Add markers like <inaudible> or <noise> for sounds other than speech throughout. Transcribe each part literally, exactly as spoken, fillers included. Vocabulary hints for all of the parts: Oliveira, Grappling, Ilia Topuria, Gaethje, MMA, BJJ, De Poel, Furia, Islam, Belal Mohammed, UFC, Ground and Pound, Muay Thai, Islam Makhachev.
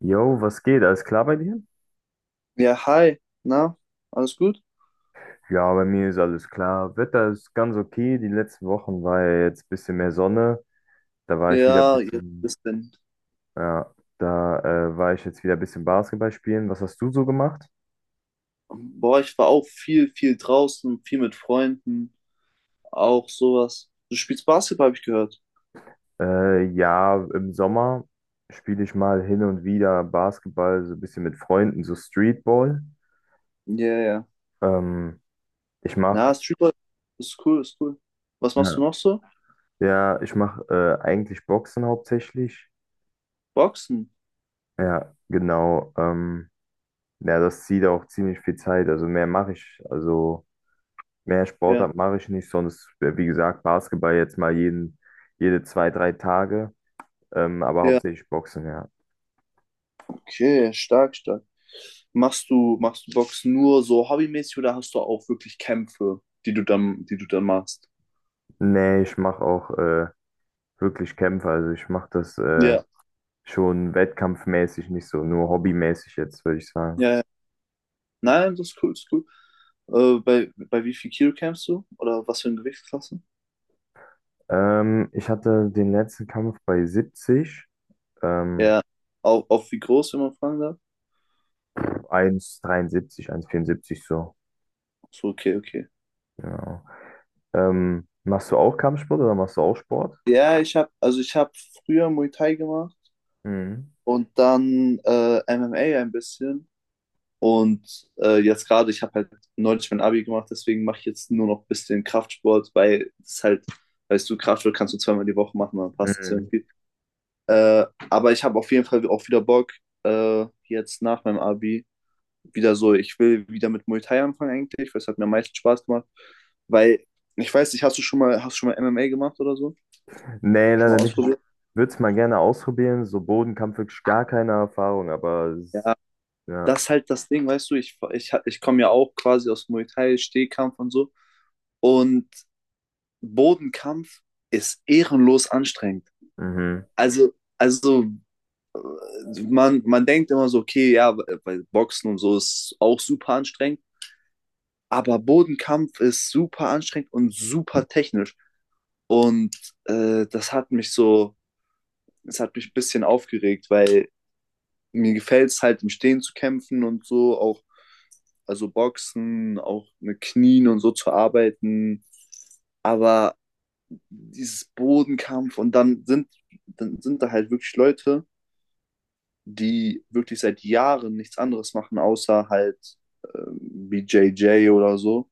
Jo, was geht? Alles klar bei dir? Ja, hi, na, alles gut? Ja, bei mir ist alles klar. Wetter ist ganz okay. Die letzten Wochen war ja jetzt ein bisschen mehr Sonne. Da war ich wieder ein Ja, jetzt bisschen, ist denn. ja, da äh, war ich jetzt wieder ein bisschen Basketball spielen. Was hast du so gemacht? Boah, ich war auch viel, viel draußen, viel mit Freunden, auch sowas. Du spielst Basketball, habe ich gehört. Äh, ja, im Sommer spiele ich mal hin und wieder Basketball, so ein bisschen mit Freunden, so Streetball. Ja, ja. Ähm, ich mache, Na, Streetball ist cool, ist cool. Was machst ja, du noch so? ja, ich mache äh, eigentlich Boxen hauptsächlich. Boxen. Ja, genau. Ähm, Ja, das zieht auch ziemlich viel Zeit. Also mehr mache ich, also mehr Ja, Sportart mache ich nicht, sonst, äh, wie gesagt, Basketball jetzt mal jeden, jede zwei, drei Tage, ähm, aber ja. hauptsächlich Boxen, ja. Okay, stark, stark. Machst du, machst du Boxen nur so hobbymäßig oder hast du auch wirklich Kämpfe, die du dann, die du dann machst? Nee, ich mache auch äh, wirklich Kämpfe. Also ich mache das äh, Ja, schon wettkampfmäßig, nicht so nur hobbymäßig jetzt, würde ich sagen. ja, ja. Nein, das ist cool, das ist cool. Äh, bei, bei wie viel Kilo kämpfst du? Oder was für eine Gewichtsklasse? Ähm, ich hatte den letzten Kampf bei siebzig, ähm, Ja, auch, auch wie groß, wenn man fragen darf? ein Meter dreiundsiebzig, vierundsiebzig so. So, okay, okay. Genau. Ähm, machst du auch Kampfsport oder machst du auch Sport? Ja, ich habe, also ich habe früher Muay Thai gemacht Mhm. und dann äh, M M A ein bisschen. Und äh, jetzt gerade, ich habe halt neulich mein Abi gemacht, deswegen mache ich jetzt nur noch ein bisschen Kraftsport, weil es halt, weißt du, Kraftsport kannst du zweimal die Woche machen, dann passt das Mhm. irgendwie. Äh, aber ich habe auf jeden Fall auch wieder Bock, äh, jetzt nach meinem Abi wieder so, ich will wieder mit Muay Thai anfangen eigentlich, weil es hat mir am meisten Spaß gemacht. Weil, ich weiß nicht, hast du schon mal, hast du schon mal M M A gemacht oder so? Nee, Schon leider mal nicht. Ich ausprobiert? würde es mal gerne ausprobieren. So Bodenkampf wirklich gar keine Erfahrung, aber es, Ja, ja. das ist halt das Ding, weißt du, ich, ich, ich komme ja auch quasi aus Muay Thai, Stehkampf und so. Und Bodenkampf ist ehrenlos anstrengend. Mhm. Also, also man, man denkt immer so, okay, ja, bei Boxen und so ist auch super anstrengend. Aber Bodenkampf ist super anstrengend und super technisch. Und äh, das hat mich so, das hat mich ein bisschen aufgeregt, weil mir gefällt es halt im Stehen zu kämpfen und so, auch also Boxen, auch mit Knien und so zu arbeiten. Aber dieses Bodenkampf und dann sind, dann sind da halt wirklich Leute, die wirklich seit Jahren nichts anderes machen, außer halt ähm, B J J oder so.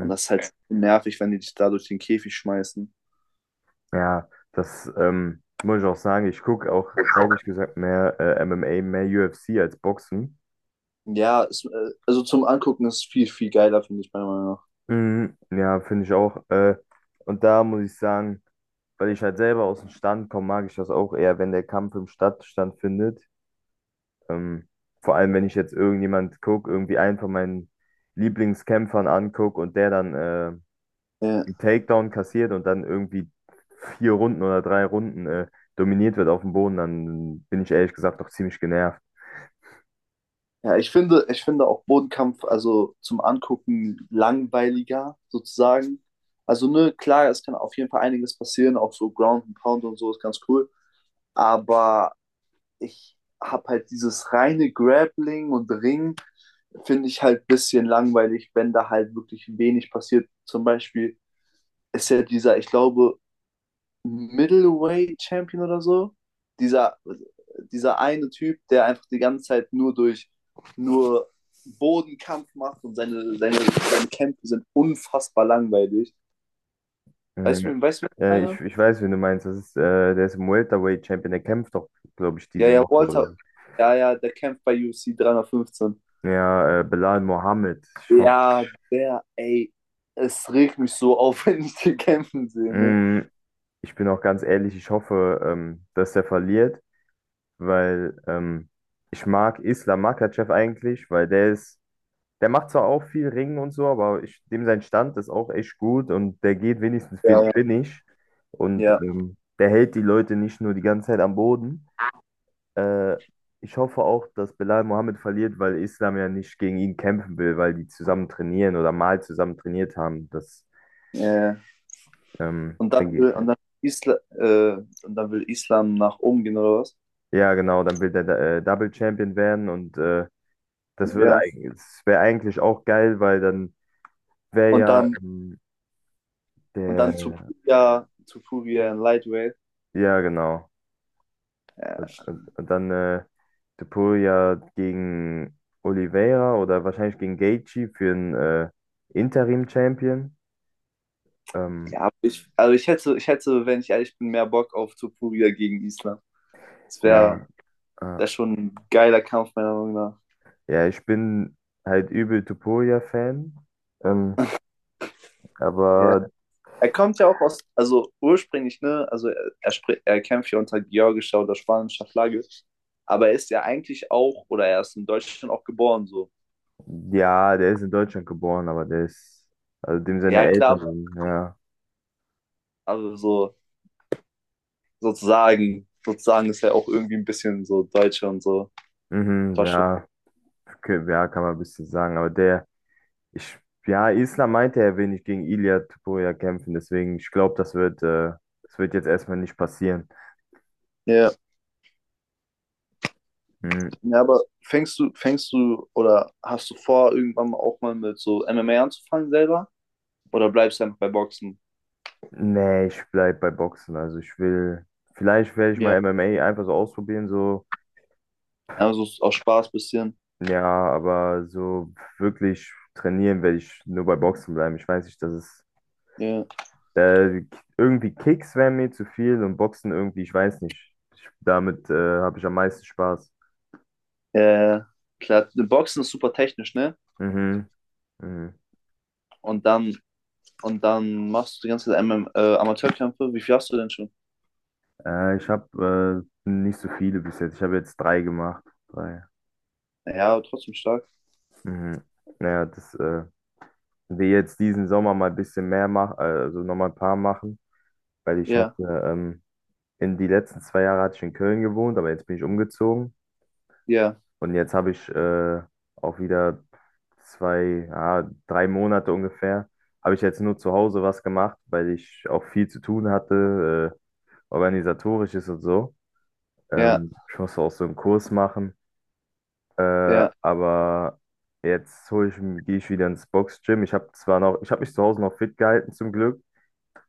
Und das ist halt nervig, wenn die dich da durch den Käfig schmeißen. Ja, das ähm, muss ich auch sagen. Ich gucke auch ehrlich gesagt mehr äh, M M A, mehr U F C als Boxen. Ja, es, äh, also zum Angucken ist viel, viel geiler, finde ich meiner Meinung nach. Mhm. Ja, finde ich auch. Äh, und da muss ich sagen, weil ich halt selber aus dem Stand komme, mag ich das auch eher, wenn der Kampf im Stadtstand findet. Ähm, Vor allem, wenn ich jetzt irgendjemand gucke, irgendwie einen von meinen Lieblingskämpfern angucke und der dann. Äh, Ja, einen Takedown kassiert und dann irgendwie vier Runden oder drei Runden äh, dominiert wird auf dem Boden, dann bin ich ehrlich gesagt doch ziemlich genervt. ja ich finde, ich finde auch Bodenkampf, also zum Angucken langweiliger sozusagen. Also, ne, klar, es kann auf jeden Fall einiges passieren, auch so Ground and Pound und so ist ganz cool. Aber ich habe halt dieses reine Grappling und Ring, finde ich halt ein bisschen langweilig, wenn da halt wirklich wenig passiert. Zum Beispiel ist ja dieser, ich glaube, Middleweight Champion oder so. Dieser, dieser eine Typ, der einfach die ganze Zeit nur durch nur Bodenkampf macht, und seine, seine, seine Kämpfe sind unfassbar langweilig. Weißt Mhm. du, weißt du, wer Äh, ich, ich— ich weiß, wen du meinst. Das ist, äh, der ist im Welterweight Champion, der kämpft doch, glaube ich, Ja, diese ja, Woche oder Walter. so. Ja, ja, der kämpft bei U F C dreihundertfünfzehn. Ja, äh, Belal Mohammed. Ich hoffe, Ja, der, ey, es regt mich so auf, <laughs> wenn ich den kämpfen sehe, ne? mm, ich bin auch ganz ehrlich, ich hoffe, ähm, dass der verliert, weil ähm, ich mag Islam Makhachev eigentlich. Weil der ist Der macht zwar auch viel Ringen und so, aber ich, dem sein Stand ist auch echt gut und der geht wenigstens für den Ja, ja, Finish und ähm, der hält die Leute nicht nur die ganze Zeit am Boden. Äh, Ich hoffe auch, dass Belal Mohammed verliert, weil Islam ja nicht gegen ihn kämpfen will, weil die zusammen trainieren oder mal zusammen trainiert haben. Das, ja, ja. ähm, Und dann denke will, ich- und dann Isla, äh, und dann will Islam nach oben gehen oder was? ja, genau, dann will der äh, Double Champion werden und äh, das würde Ja. eigentlich, das wäre eigentlich auch geil, weil dann wäre Und ja dann ähm, Und dann zu der, Furia, zu Furia in Lightweight. ja, genau. Äh, Und, und dann äh, De Poel ja gegen Oliveira oder wahrscheinlich gegen Gaethje für einen äh, Interim-Champion. Ähm, ja, ich, also ich hätte, ich hätte, wenn ich ehrlich bin, mehr Bock auf zu Furia gegen Islam. Das wäre ja, äh, wär schon ein geiler Kampf, meiner Meinung nach. ja, ich bin halt übel De Poel-Fan. Ähm, Ja. aber Er kommt ja auch aus, also ursprünglich, ne, also er, er, spr- er kämpft ja unter georgischer oder spanischer Flagge, aber er ist ja eigentlich auch, oder er ist in Deutschland auch geboren, so. ja, der ist in Deutschland geboren, aber der ist, also dem seine Ja, klar, Eltern, aber sind, ja. also so, sozusagen, sozusagen ist er auch irgendwie ein bisschen so Deutsche und so. Mhm, War schon. ja, k- ja, kann man ein bisschen sagen, aber der. Ich, ja, Islam meinte, er will nicht gegen Ilia Topuria kämpfen, deswegen, ich glaube, das wird, äh, das wird jetzt erstmal nicht passieren. Ja. Hm, Ja, aber fängst du, fängst du oder hast du vor, irgendwann mal auch mal mit so M M A anzufangen selber? Oder bleibst du einfach bei Boxen? nee, ich bleib bei Boxen. Also ich will, vielleicht werde ich mal Ja. M M A einfach so ausprobieren, so, Also ist auch Spaß bisschen. ja, aber so wirklich trainieren werde ich nur bei Boxen bleiben. Ich weiß nicht, das ist, Ja. äh, irgendwie Kicks wären mir zu viel und Boxen irgendwie, ich weiß nicht. Ich, damit, äh, habe ich am meisten Spaß. Ja, ja, klar. Boxen ist super technisch, ne? Mhm. Mhm. Und dann, und dann machst du die ganze Zeit M M, äh, Amateurkämpfe. Wie viel hast du denn schon? Äh, ich habe äh, nicht so viele bis jetzt. Ich habe jetzt drei gemacht. Drei. Ja, aber trotzdem stark. Mhm. Naja, das äh, will jetzt diesen Sommer mal ein bisschen mehr machen, also nochmal ein paar machen, weil ich hatte Ja, ähm, in die letzten zwei Jahre hatte ich in Köln gewohnt, aber jetzt bin ich umgezogen ja, und jetzt habe ich äh, auch wieder zwei, ja, drei Monate ungefähr, habe ich jetzt nur zu Hause was gemacht, weil ich auch viel zu tun hatte, äh, organisatorisches und so. ja, Ähm, ich musste auch so einen Kurs machen. Äh, ja, aber jetzt hol ich, gehe ich wieder ins Boxgym. Ich habe zwar noch, ich habe mich zu Hause noch fit gehalten zum Glück.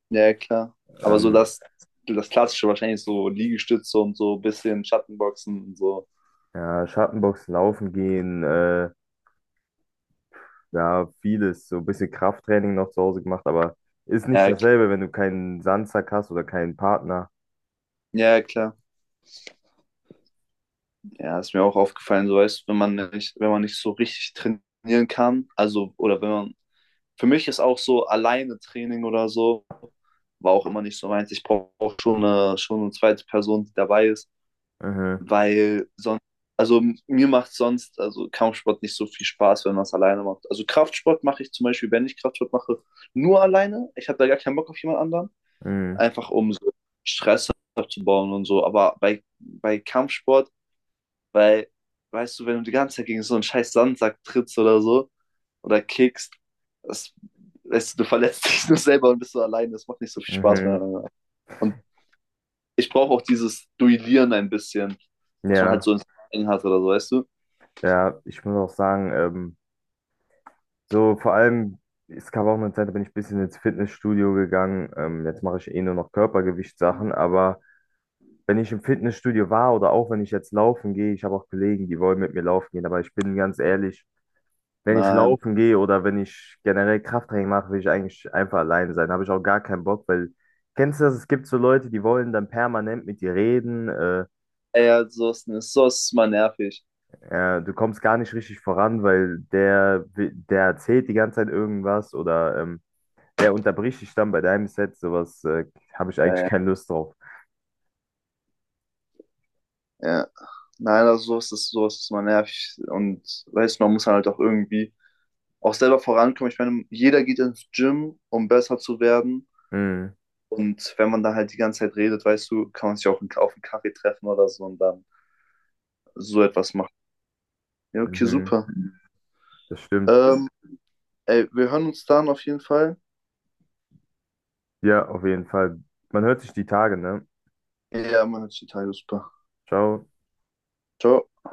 ja, klar. Aber so Ähm, das, das Klassische wahrscheinlich so Liegestütze und so ein bisschen Schattenboxen und so. ja, Schattenboxen, Laufen gehen, äh, ja, vieles, so ein bisschen Krafttraining noch zu Hause gemacht, aber ist nicht Ja, klar. dasselbe, wenn du keinen Sandsack hast oder keinen Partner. Ja, klar. Ja, ist mir auch aufgefallen, so weißt, wenn man nicht, wenn man nicht so richtig trainieren kann, also oder wenn man, für mich ist auch so alleine Training oder so, war auch immer nicht so meins. Ich brauche schon eine, schon eine zweite Person, die dabei ist, Mhm, weil sonst, also mir macht sonst, also Kampfsport nicht so viel Spaß, wenn man es alleine macht. Also Kraftsport mache ich zum Beispiel, wenn ich Kraftsport mache, nur alleine. Ich habe da gar keinen Bock auf jemand anderen, mhm, einfach um so Stress abzubauen und so. Aber bei, bei Kampfsport weil, weißt du, wenn du die ganze Zeit gegen so einen scheiß Sandsack trittst oder so oder kickst, das, weißt du, du verletzt <laughs> dich nur selber und bist so allein. Das macht nicht so viel Spaß mehr. mhm. Und ich brauche auch dieses Duellieren ein bisschen, was man halt Ja, so ins Training hat oder so, weißt du? ja, ich muss auch sagen, ähm, so vor allem, es gab auch eine Zeit, da bin ich ein bisschen ins Fitnessstudio gegangen. Ähm, jetzt mache ich eh nur noch Körpergewichtssachen, aber wenn ich im Fitnessstudio war oder auch wenn ich jetzt laufen gehe, ich habe auch Kollegen, die wollen mit mir laufen gehen, aber ich bin ganz ehrlich, wenn ich Nein. laufen gehe oder wenn ich generell Krafttraining mache, will ich eigentlich einfach allein sein. Habe ich auch gar keinen Bock, weil kennst du das? Es gibt so Leute, die wollen dann permanent mit dir reden. Äh, Ey, also, so ist so ist mal nervig. äh, du kommst gar nicht richtig voran, weil der, wi- der erzählt die ganze Zeit irgendwas oder ähm, der unterbricht dich dann bei deinem Set. Sowas äh, habe ich Ja, eigentlich ja, keine Lust drauf. ja. Nein, also sowas ist, sowas ist mal nervig. Und weißt du, man muss halt auch irgendwie auch selber vorankommen. Ich meine, jeder geht ins Gym, um besser zu werden. Mhm, Und wenn man da halt die ganze Zeit redet, weißt du, kann man sich auch auf einen Kaffee treffen oder so und dann so etwas machen. Ja, okay, mhm, super. das stimmt. Ähm, Ey, wir hören uns dann auf jeden Fall. Ja, auf jeden Fall. Man hört sich die Tage, ne? Ja, man hört sich total super. Ciao. Ciao.